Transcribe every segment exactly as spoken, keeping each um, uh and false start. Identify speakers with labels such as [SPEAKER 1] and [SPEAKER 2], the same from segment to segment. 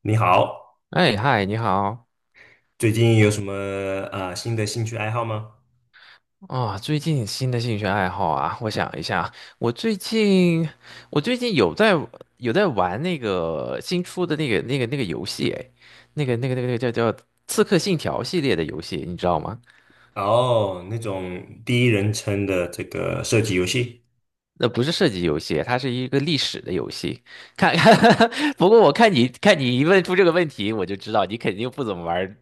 [SPEAKER 1] 你好，
[SPEAKER 2] 哎，嗨，你好
[SPEAKER 1] 最近有什么啊新的兴趣爱好吗？
[SPEAKER 2] 啊！最近新的兴趣爱好啊，我想一下，我最近我最近有在有在玩那个新出的那个那个那个游戏，哎，那个那个那个那个叫叫《刺客信条》系列的游戏，你知道吗？
[SPEAKER 1] 哦，那种第一人称的这个射击游戏，
[SPEAKER 2] 那不是射击游戏，它是一个历史的游戏。看，不过我看你看你一问出这个问题，我就知道你肯定不怎么玩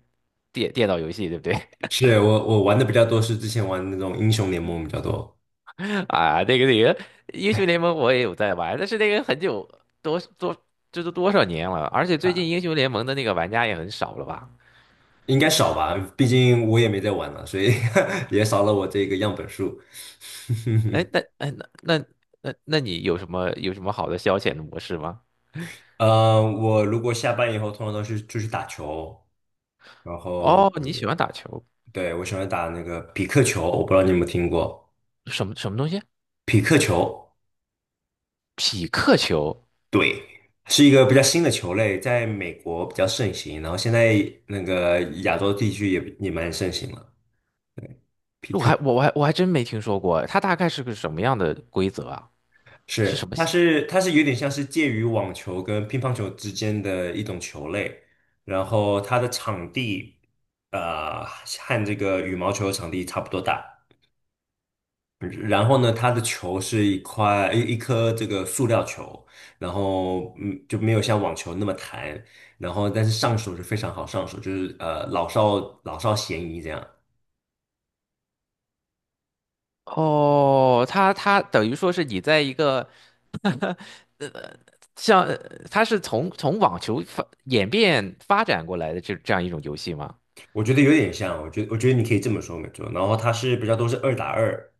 [SPEAKER 2] 电电脑游戏，对不对？
[SPEAKER 1] 是我我玩的比较多，是之前玩那种英雄联盟比较多，
[SPEAKER 2] 啊，那个那个英雄联盟我也有在玩，但是那个很久多多这都多少年了，而且最近英雄联盟的那个玩家也很少了吧？
[SPEAKER 1] 应该少吧，毕竟我也没在玩了，所以 也少了我这个样本数。
[SPEAKER 2] 哎，那哎那那那那你有什么有什么好的消遣的模式吗？
[SPEAKER 1] 呃，我如果下班以后，通常都是出去打球，然后
[SPEAKER 2] 哦，你喜欢
[SPEAKER 1] 我
[SPEAKER 2] 打球，
[SPEAKER 1] 对，我喜欢打那个匹克球，我不知道你有没有听过
[SPEAKER 2] 什么什么东西？
[SPEAKER 1] 匹克球。
[SPEAKER 2] 匹克球？
[SPEAKER 1] 对，是一个比较新的球类，在美国比较盛行，然后现在那个亚洲地区也也蛮盛行了。
[SPEAKER 2] 我还我我还我还真没听说过，它大概是个什么样的规则啊？是什
[SPEAKER 1] 是，
[SPEAKER 2] 么
[SPEAKER 1] 它
[SPEAKER 2] 系
[SPEAKER 1] 是它是有点像是介于网球跟乒乓球之间的一种球类，然后它的场地，呃，和这个羽毛球场地差不多大，然后呢，它的球是一块一一颗这个塑料球，然后嗯就没有像网球那么弹，然后但是上手是非常好上手，就是呃老少老少咸宜这样，
[SPEAKER 2] 哦，它它等于说是你在一个像呃它是从从网球发演变发展过来的这这样一种游戏吗？
[SPEAKER 1] 我觉得有点像，我觉得我觉得你可以这么说没错，然后它是比较都是二打二，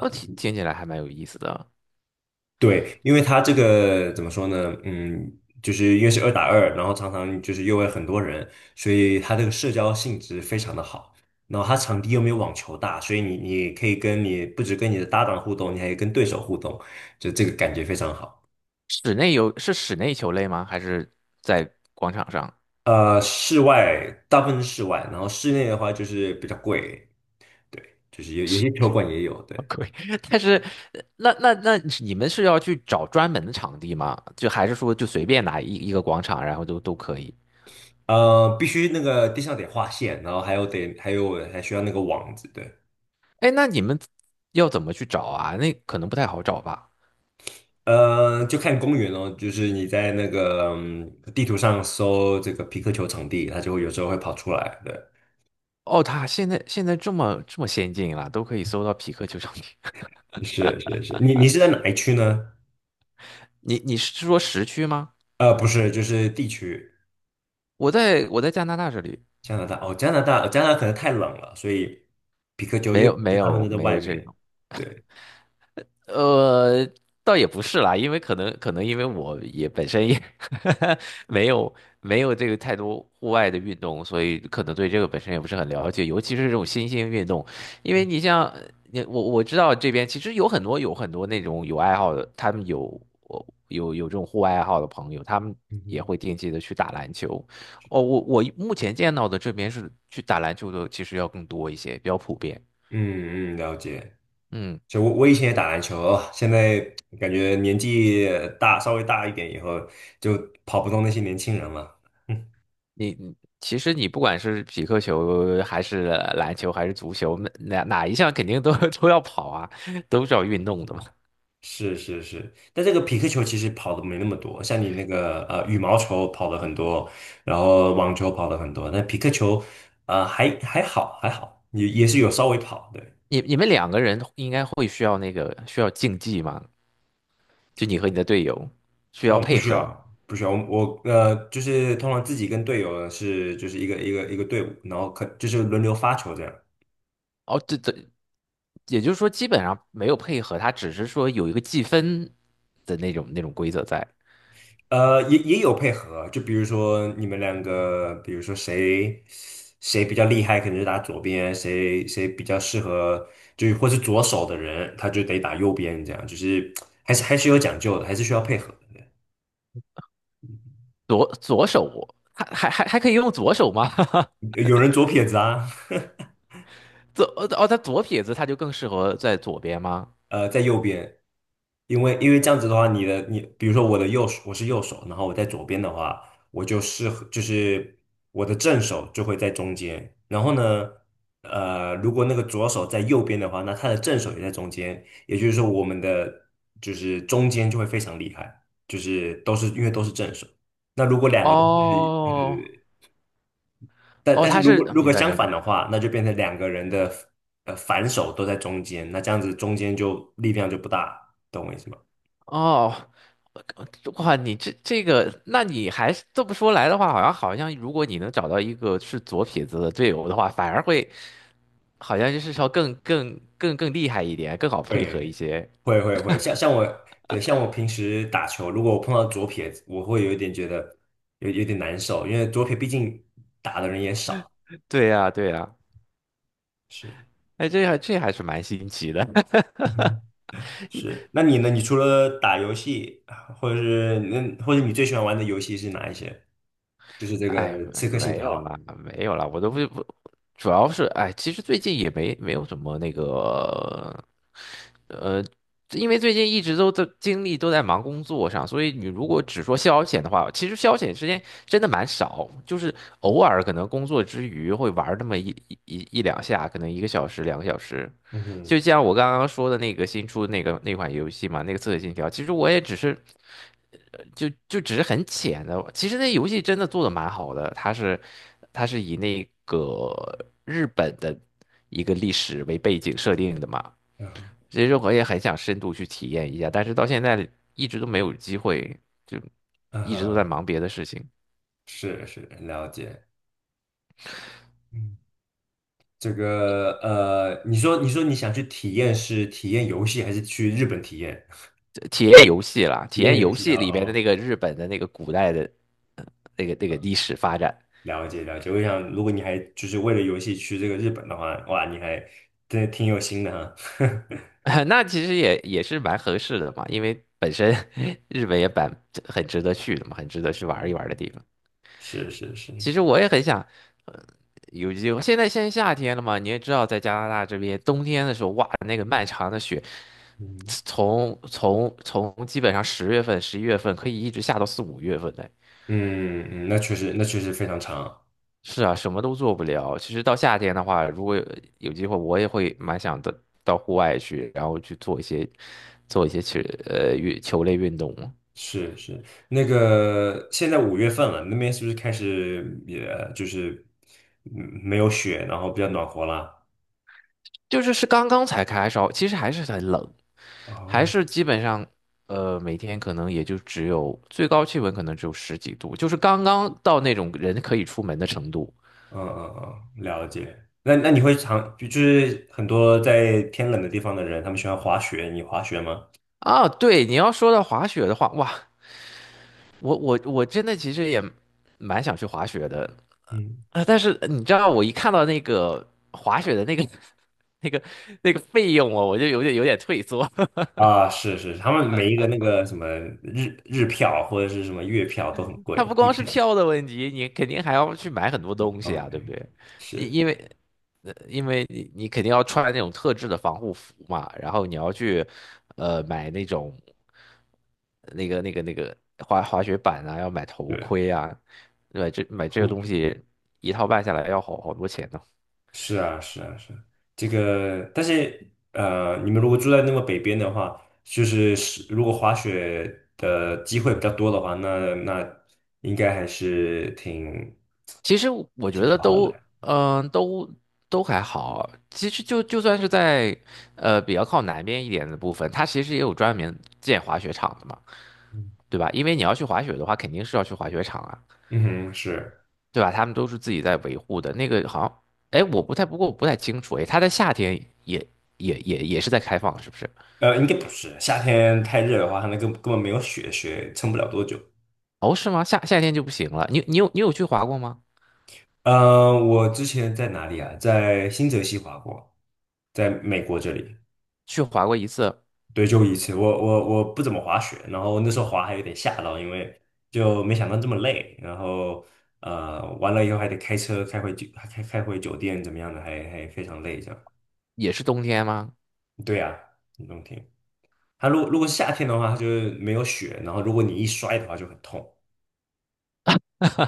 [SPEAKER 2] 哦，听听起来还蛮有意思的。
[SPEAKER 1] 对，因为他这个怎么说呢？嗯，就是因为是二打二，然后常常就是又会很多人，所以他这个社交性质非常的好。然后他场地又没有网球大，所以你你可以跟你不止跟你的搭档互动，你还可以跟对手互动，就这个感觉非常好。
[SPEAKER 2] 室内游是室内球类吗？还是在广场上？
[SPEAKER 1] 呃，室外大部分是室外，然后室内的话就是比较贵，对，就是有有
[SPEAKER 2] 是，
[SPEAKER 1] 些球馆也有，对，
[SPEAKER 2] 可以。但是呃那那那你们是要去找专门的场地吗？就还是说就随便拿一一个广场，然后都都可以？
[SPEAKER 1] 呃，必须那个地上得画线，然后还有得还有还需要那个网子，对。
[SPEAKER 2] 哎，那你们要怎么去找啊？那可能不太好找吧。
[SPEAKER 1] 呃，就看公园哦，就是你在那个嗯地图上搜这个皮克球场地，它就会有时候会跑出来。对，
[SPEAKER 2] 哦，它现在现在这么这么先进了，都可以搜到匹克球场地。
[SPEAKER 1] 是是是，你你是在哪一区呢？
[SPEAKER 2] 你你是说时区吗？
[SPEAKER 1] 呃，不是，就是地区，
[SPEAKER 2] 我在我在加拿大这里
[SPEAKER 1] 加拿大。哦，加拿大，加拿大可能太冷了，所以皮克球，因
[SPEAKER 2] 没
[SPEAKER 1] 为
[SPEAKER 2] 有
[SPEAKER 1] 皮
[SPEAKER 2] 没
[SPEAKER 1] 克球大部分
[SPEAKER 2] 有
[SPEAKER 1] 都在
[SPEAKER 2] 没
[SPEAKER 1] 外
[SPEAKER 2] 有这
[SPEAKER 1] 面。
[SPEAKER 2] 种，
[SPEAKER 1] 对，
[SPEAKER 2] 呃，倒也不是啦，因为可能可能因为我也本身也 没有没有这个太多户外的运动，所以可能对这个本身也不是很了解，尤其是这种新兴运动，因为你像你我我知道这边其实有很多有很多那种有爱好的，他们有我有有这种户外爱好的朋友，他们
[SPEAKER 1] 嗯
[SPEAKER 2] 也
[SPEAKER 1] 哼
[SPEAKER 2] 会定期的去打篮球。哦，我我目前见到的这边是去打篮球的，其实要更多一些，比较普遍。
[SPEAKER 1] 嗯嗯，了解。
[SPEAKER 2] 嗯。
[SPEAKER 1] 就我我以前也打篮球哦现在感觉年纪大，稍微大一点以后，就跑不动那些年轻人了。
[SPEAKER 2] 你你其实你不管是匹克球还是篮球还是足球，哪哪一项肯定都 都要跑啊，都是要运动的嘛。
[SPEAKER 1] 是是是，但这个匹克球其实跑的没那么多，像你那个呃羽毛球跑了很多，然后网球跑了很多，但匹克球呃还还好还好，也也是有稍微跑，对，
[SPEAKER 2] 你你们两个人应该会需要那个需要竞技嘛？就你和你的队友需要
[SPEAKER 1] 呃不
[SPEAKER 2] 配
[SPEAKER 1] 需
[SPEAKER 2] 合。
[SPEAKER 1] 要不需要，我呃就是通常自己跟队友是就是一个一个一个队伍，然后可就是轮流发球这样。
[SPEAKER 2] 哦，这这也就是说基本上没有配合，他只是说有一个计分的那种那种规则在。
[SPEAKER 1] 呃，也也有配合啊，就比如说你们两个，比如说谁谁比较厉害，可能就打左边，谁谁比较适合，就是或是左手的人，他就得打右边，这样就是还是还是有讲究的，还是需要配合的。
[SPEAKER 2] 左左手还还还还可以用左手吗？
[SPEAKER 1] 有有人左撇子啊，
[SPEAKER 2] 左哦，他左撇子他就更适合在左边吗？
[SPEAKER 1] 呃，在右边，因为因为这样子的话，你的你，比如说我的右手，我是右手，然后我在左边的话，我就适合就是我的正手就会在中间，然后呢，呃，如果那个左手在右边的话，那他的正手也在中间，也就是说我们的就是中间就会非常厉害，就是都是因为都是正手。那如果两个都是，
[SPEAKER 2] 哦，
[SPEAKER 1] 呃。但
[SPEAKER 2] 哦，
[SPEAKER 1] 但是
[SPEAKER 2] 他
[SPEAKER 1] 如
[SPEAKER 2] 是
[SPEAKER 1] 果
[SPEAKER 2] 呃
[SPEAKER 1] 如
[SPEAKER 2] 明
[SPEAKER 1] 果
[SPEAKER 2] 白
[SPEAKER 1] 相
[SPEAKER 2] 明
[SPEAKER 1] 反
[SPEAKER 2] 白
[SPEAKER 1] 的话，那就变成两个人的呃反手都在中间，那这样子中间就力量就不大，懂我意思吗？
[SPEAKER 2] 哦，呃哇，你这这个，那你还是这么说来的话，好像好像，如果你能找到一个是左撇子的队友的话，反而会好像就是说更更更更厉害一点，更好配合一
[SPEAKER 1] 会
[SPEAKER 2] 些。
[SPEAKER 1] 会会会，像像我对像我平时打球，如果我碰到左撇子，我会有一点觉得有有点难受，因为左撇毕竟打的人也少。
[SPEAKER 2] 对呀，对呀，
[SPEAKER 1] 是
[SPEAKER 2] 哎，这还这还是蛮新奇的。
[SPEAKER 1] 嗯 是，那你呢？你除了打游戏，或者是那或者你最喜欢玩的游戏是哪一些？就是这个
[SPEAKER 2] 哎，
[SPEAKER 1] 《刺客信
[SPEAKER 2] 没
[SPEAKER 1] 条》。
[SPEAKER 2] 有啦，没有啦，我都不不，主要是哎，其实最近也没没有什么那个，呃，因为最近一直都在精力都在忙工作上，所以你如果只说消遣的话，其实消遣时间真的蛮少，就是偶尔可能工作之余会玩儿那么一一一一两下，可能一个小时、两个小时，
[SPEAKER 1] 嗯哼，
[SPEAKER 2] 就像我刚刚说的那个新出那个那款游戏嘛，那个《刺客信条》，其实我也只是，呃就就只是很浅的。其实那游戏真的做的蛮好的，它是它是以那个日本的一个历史为背景设定的嘛。其实我也很想深度去体验一下，但是到现在一直都没有机会，就
[SPEAKER 1] 嗯
[SPEAKER 2] 一直都在
[SPEAKER 1] 哼。
[SPEAKER 2] 忙别的事情。
[SPEAKER 1] 是是，了解。嗯。这个呃，你说你说你想去体验是体验游戏，还是去日本体验？
[SPEAKER 2] 呃体验游戏啦，
[SPEAKER 1] 体
[SPEAKER 2] 体
[SPEAKER 1] 验
[SPEAKER 2] 验
[SPEAKER 1] 游
[SPEAKER 2] 游
[SPEAKER 1] 戏哦，
[SPEAKER 2] 戏里边的
[SPEAKER 1] 哦
[SPEAKER 2] 那个日本的那个古代的呃那个那个历史发展。
[SPEAKER 1] 了解了解。我想，如果你还就是为了游戏去这个日本的话，哇，你还真的挺有心的哈。
[SPEAKER 2] 那其实也也是蛮合适的嘛，因为本身 日本也蛮很值得去的嘛，很值得去玩一玩的地方。
[SPEAKER 1] 是是是，
[SPEAKER 2] 其实我也很想，呃，有机会。现在现在夏天了嘛，你也知道，在加拿大这边冬天的时候，哇，那个漫长的雪，
[SPEAKER 1] 嗯
[SPEAKER 2] 从从从基本上十月份、十一月份可以一直下到四五月份的。
[SPEAKER 1] 嗯嗯，那确实那确实非常长。
[SPEAKER 2] 是啊，什么都做不了。其实到夏天的话，如果有有机会，我也会蛮想的到户外去，然后去做一些做一些球呃运球类运动。
[SPEAKER 1] 是是，那个现在五月份了，那边是不是开始也就是嗯没有雪，然后比较暖和了？
[SPEAKER 2] 就是是刚刚才开烧，其实还是很冷，还
[SPEAKER 1] 哦，
[SPEAKER 2] 是基本上，呃，每天可能也就只有最高气温可能只有十几度，就是刚刚到那种人可以出门的程度
[SPEAKER 1] 嗯嗯嗯，了解。那那你会常就就是很多在天冷的地方的人，他们喜欢滑雪，你滑雪吗？
[SPEAKER 2] 啊。对，你要说到滑雪的话，哇，我我我真的其实也蛮想去滑雪的
[SPEAKER 1] 嗯，
[SPEAKER 2] 啊，但是你知道，我一看到那个滑雪的那个 那个那个费用哦，我就有点有点退缩。
[SPEAKER 1] 啊，是是，他们每一个那个什么日日票或者是什么月票都很贵，
[SPEAKER 2] 它不
[SPEAKER 1] 季
[SPEAKER 2] 光是
[SPEAKER 1] 票
[SPEAKER 2] 票的问题，你肯定还要去买很多东西啊，对不
[SPEAKER 1] 嗯，
[SPEAKER 2] 对？因
[SPEAKER 1] 是，
[SPEAKER 2] 因为，呃因为你你肯定要穿那种特制的防护服嘛，然后你要去，呃，买那种那个那个那个滑滑雪板啊，要买头
[SPEAKER 1] 对，
[SPEAKER 2] 盔啊，对吧？这买这个东
[SPEAKER 1] 我
[SPEAKER 2] 西一套办下来要好好多钱呢。
[SPEAKER 1] 是啊是啊是啊这个，但是呃，你们如果住在那么北边的话，就是是如果滑雪的机会比较多的话，那那应该还是挺
[SPEAKER 2] 其实我我觉
[SPEAKER 1] 挺
[SPEAKER 2] 得
[SPEAKER 1] 划得来。
[SPEAKER 2] 都，嗯、都都还好。其实就就算是在呃比较靠南边一点的部分，它其实也有专门建滑雪场的嘛。对吧？因为你要去滑雪的话，肯定是要去滑雪场啊，
[SPEAKER 1] 嗯哼，是，
[SPEAKER 2] 对吧？他们都是自己在维护的。那个好像，哎，我不太，不过我不太清楚，哎，它在夏天也也也也是在开放，是不是？
[SPEAKER 1] 呃，应该不是，夏天太热的话，它那根根本没有雪，雪撑不了多久。
[SPEAKER 2] 哦，是吗？夏夏天就不行了。你你有你有去滑过吗？
[SPEAKER 1] 呃，我之前在哪里啊？在新泽西滑过，在美国这里，
[SPEAKER 2] 去滑过一次，
[SPEAKER 1] 对，就一次。我我我不怎么滑雪，然后那时候滑还有点吓到，因为就没想到这么累。然后呃，完了以后还得开车开回酒，开开回酒店，怎么样的，还还非常累这样。
[SPEAKER 2] 也是冬天吗？
[SPEAKER 1] 对呀，冬天。它如果如果是夏天的话，它就是没有雪，然后如果你一摔的话就很痛。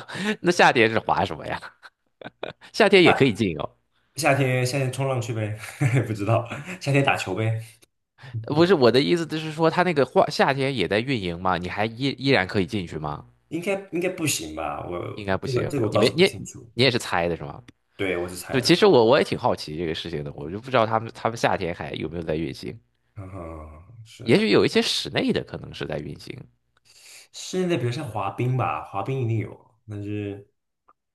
[SPEAKER 2] 那夏天是滑什么呀？夏天也可以进哦。
[SPEAKER 1] 夏天夏天冲浪去呗，不知道夏天打球呗，
[SPEAKER 2] 不是我的意思，就是说它那个花夏天也在运营吗？你还依依然可以进去吗？
[SPEAKER 1] 应该应该不行吧？我
[SPEAKER 2] 应该
[SPEAKER 1] 我
[SPEAKER 2] 不
[SPEAKER 1] 这个
[SPEAKER 2] 行，
[SPEAKER 1] 这个我
[SPEAKER 2] 你
[SPEAKER 1] 倒是
[SPEAKER 2] 没
[SPEAKER 1] 不
[SPEAKER 2] 你也
[SPEAKER 1] 清楚，
[SPEAKER 2] 你也是猜的是吗？
[SPEAKER 1] 对我是猜
[SPEAKER 2] 对，
[SPEAKER 1] 的，
[SPEAKER 2] 其实我我也挺好奇这个事情的，我就不知道他们他们夏天还有没有在运行，
[SPEAKER 1] 嗯，
[SPEAKER 2] 也
[SPEAKER 1] 是
[SPEAKER 2] 许有一些室内的可能是在运行
[SPEAKER 1] 室内的比如像滑冰吧，滑冰一定有，但是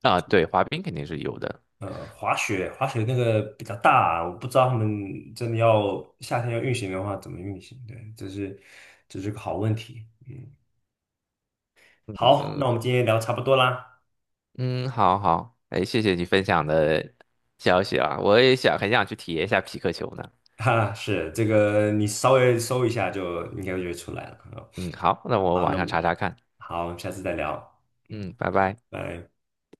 [SPEAKER 2] 啊，对，滑冰肯定是有的，
[SPEAKER 1] 呃，滑雪滑雪那个比较大，我不知道他们真的要夏天要运行的话怎么运行，对，这是这是个好问题，嗯，
[SPEAKER 2] 嗯
[SPEAKER 1] 好，
[SPEAKER 2] 嗯
[SPEAKER 1] 那我们今天聊差不多啦。
[SPEAKER 2] 嗯，好好，哎，谢谢你分享的消息啊，我也想很想去体验一下匹克球呢，
[SPEAKER 1] 哈，是这个，你稍微搜一下就应该就会出来了啊。
[SPEAKER 2] 嗯，好，那我
[SPEAKER 1] 好，
[SPEAKER 2] 晚
[SPEAKER 1] 那么
[SPEAKER 2] 上查查看，
[SPEAKER 1] 好，我们下次再聊，嗯，
[SPEAKER 2] 嗯，拜拜。
[SPEAKER 1] 拜。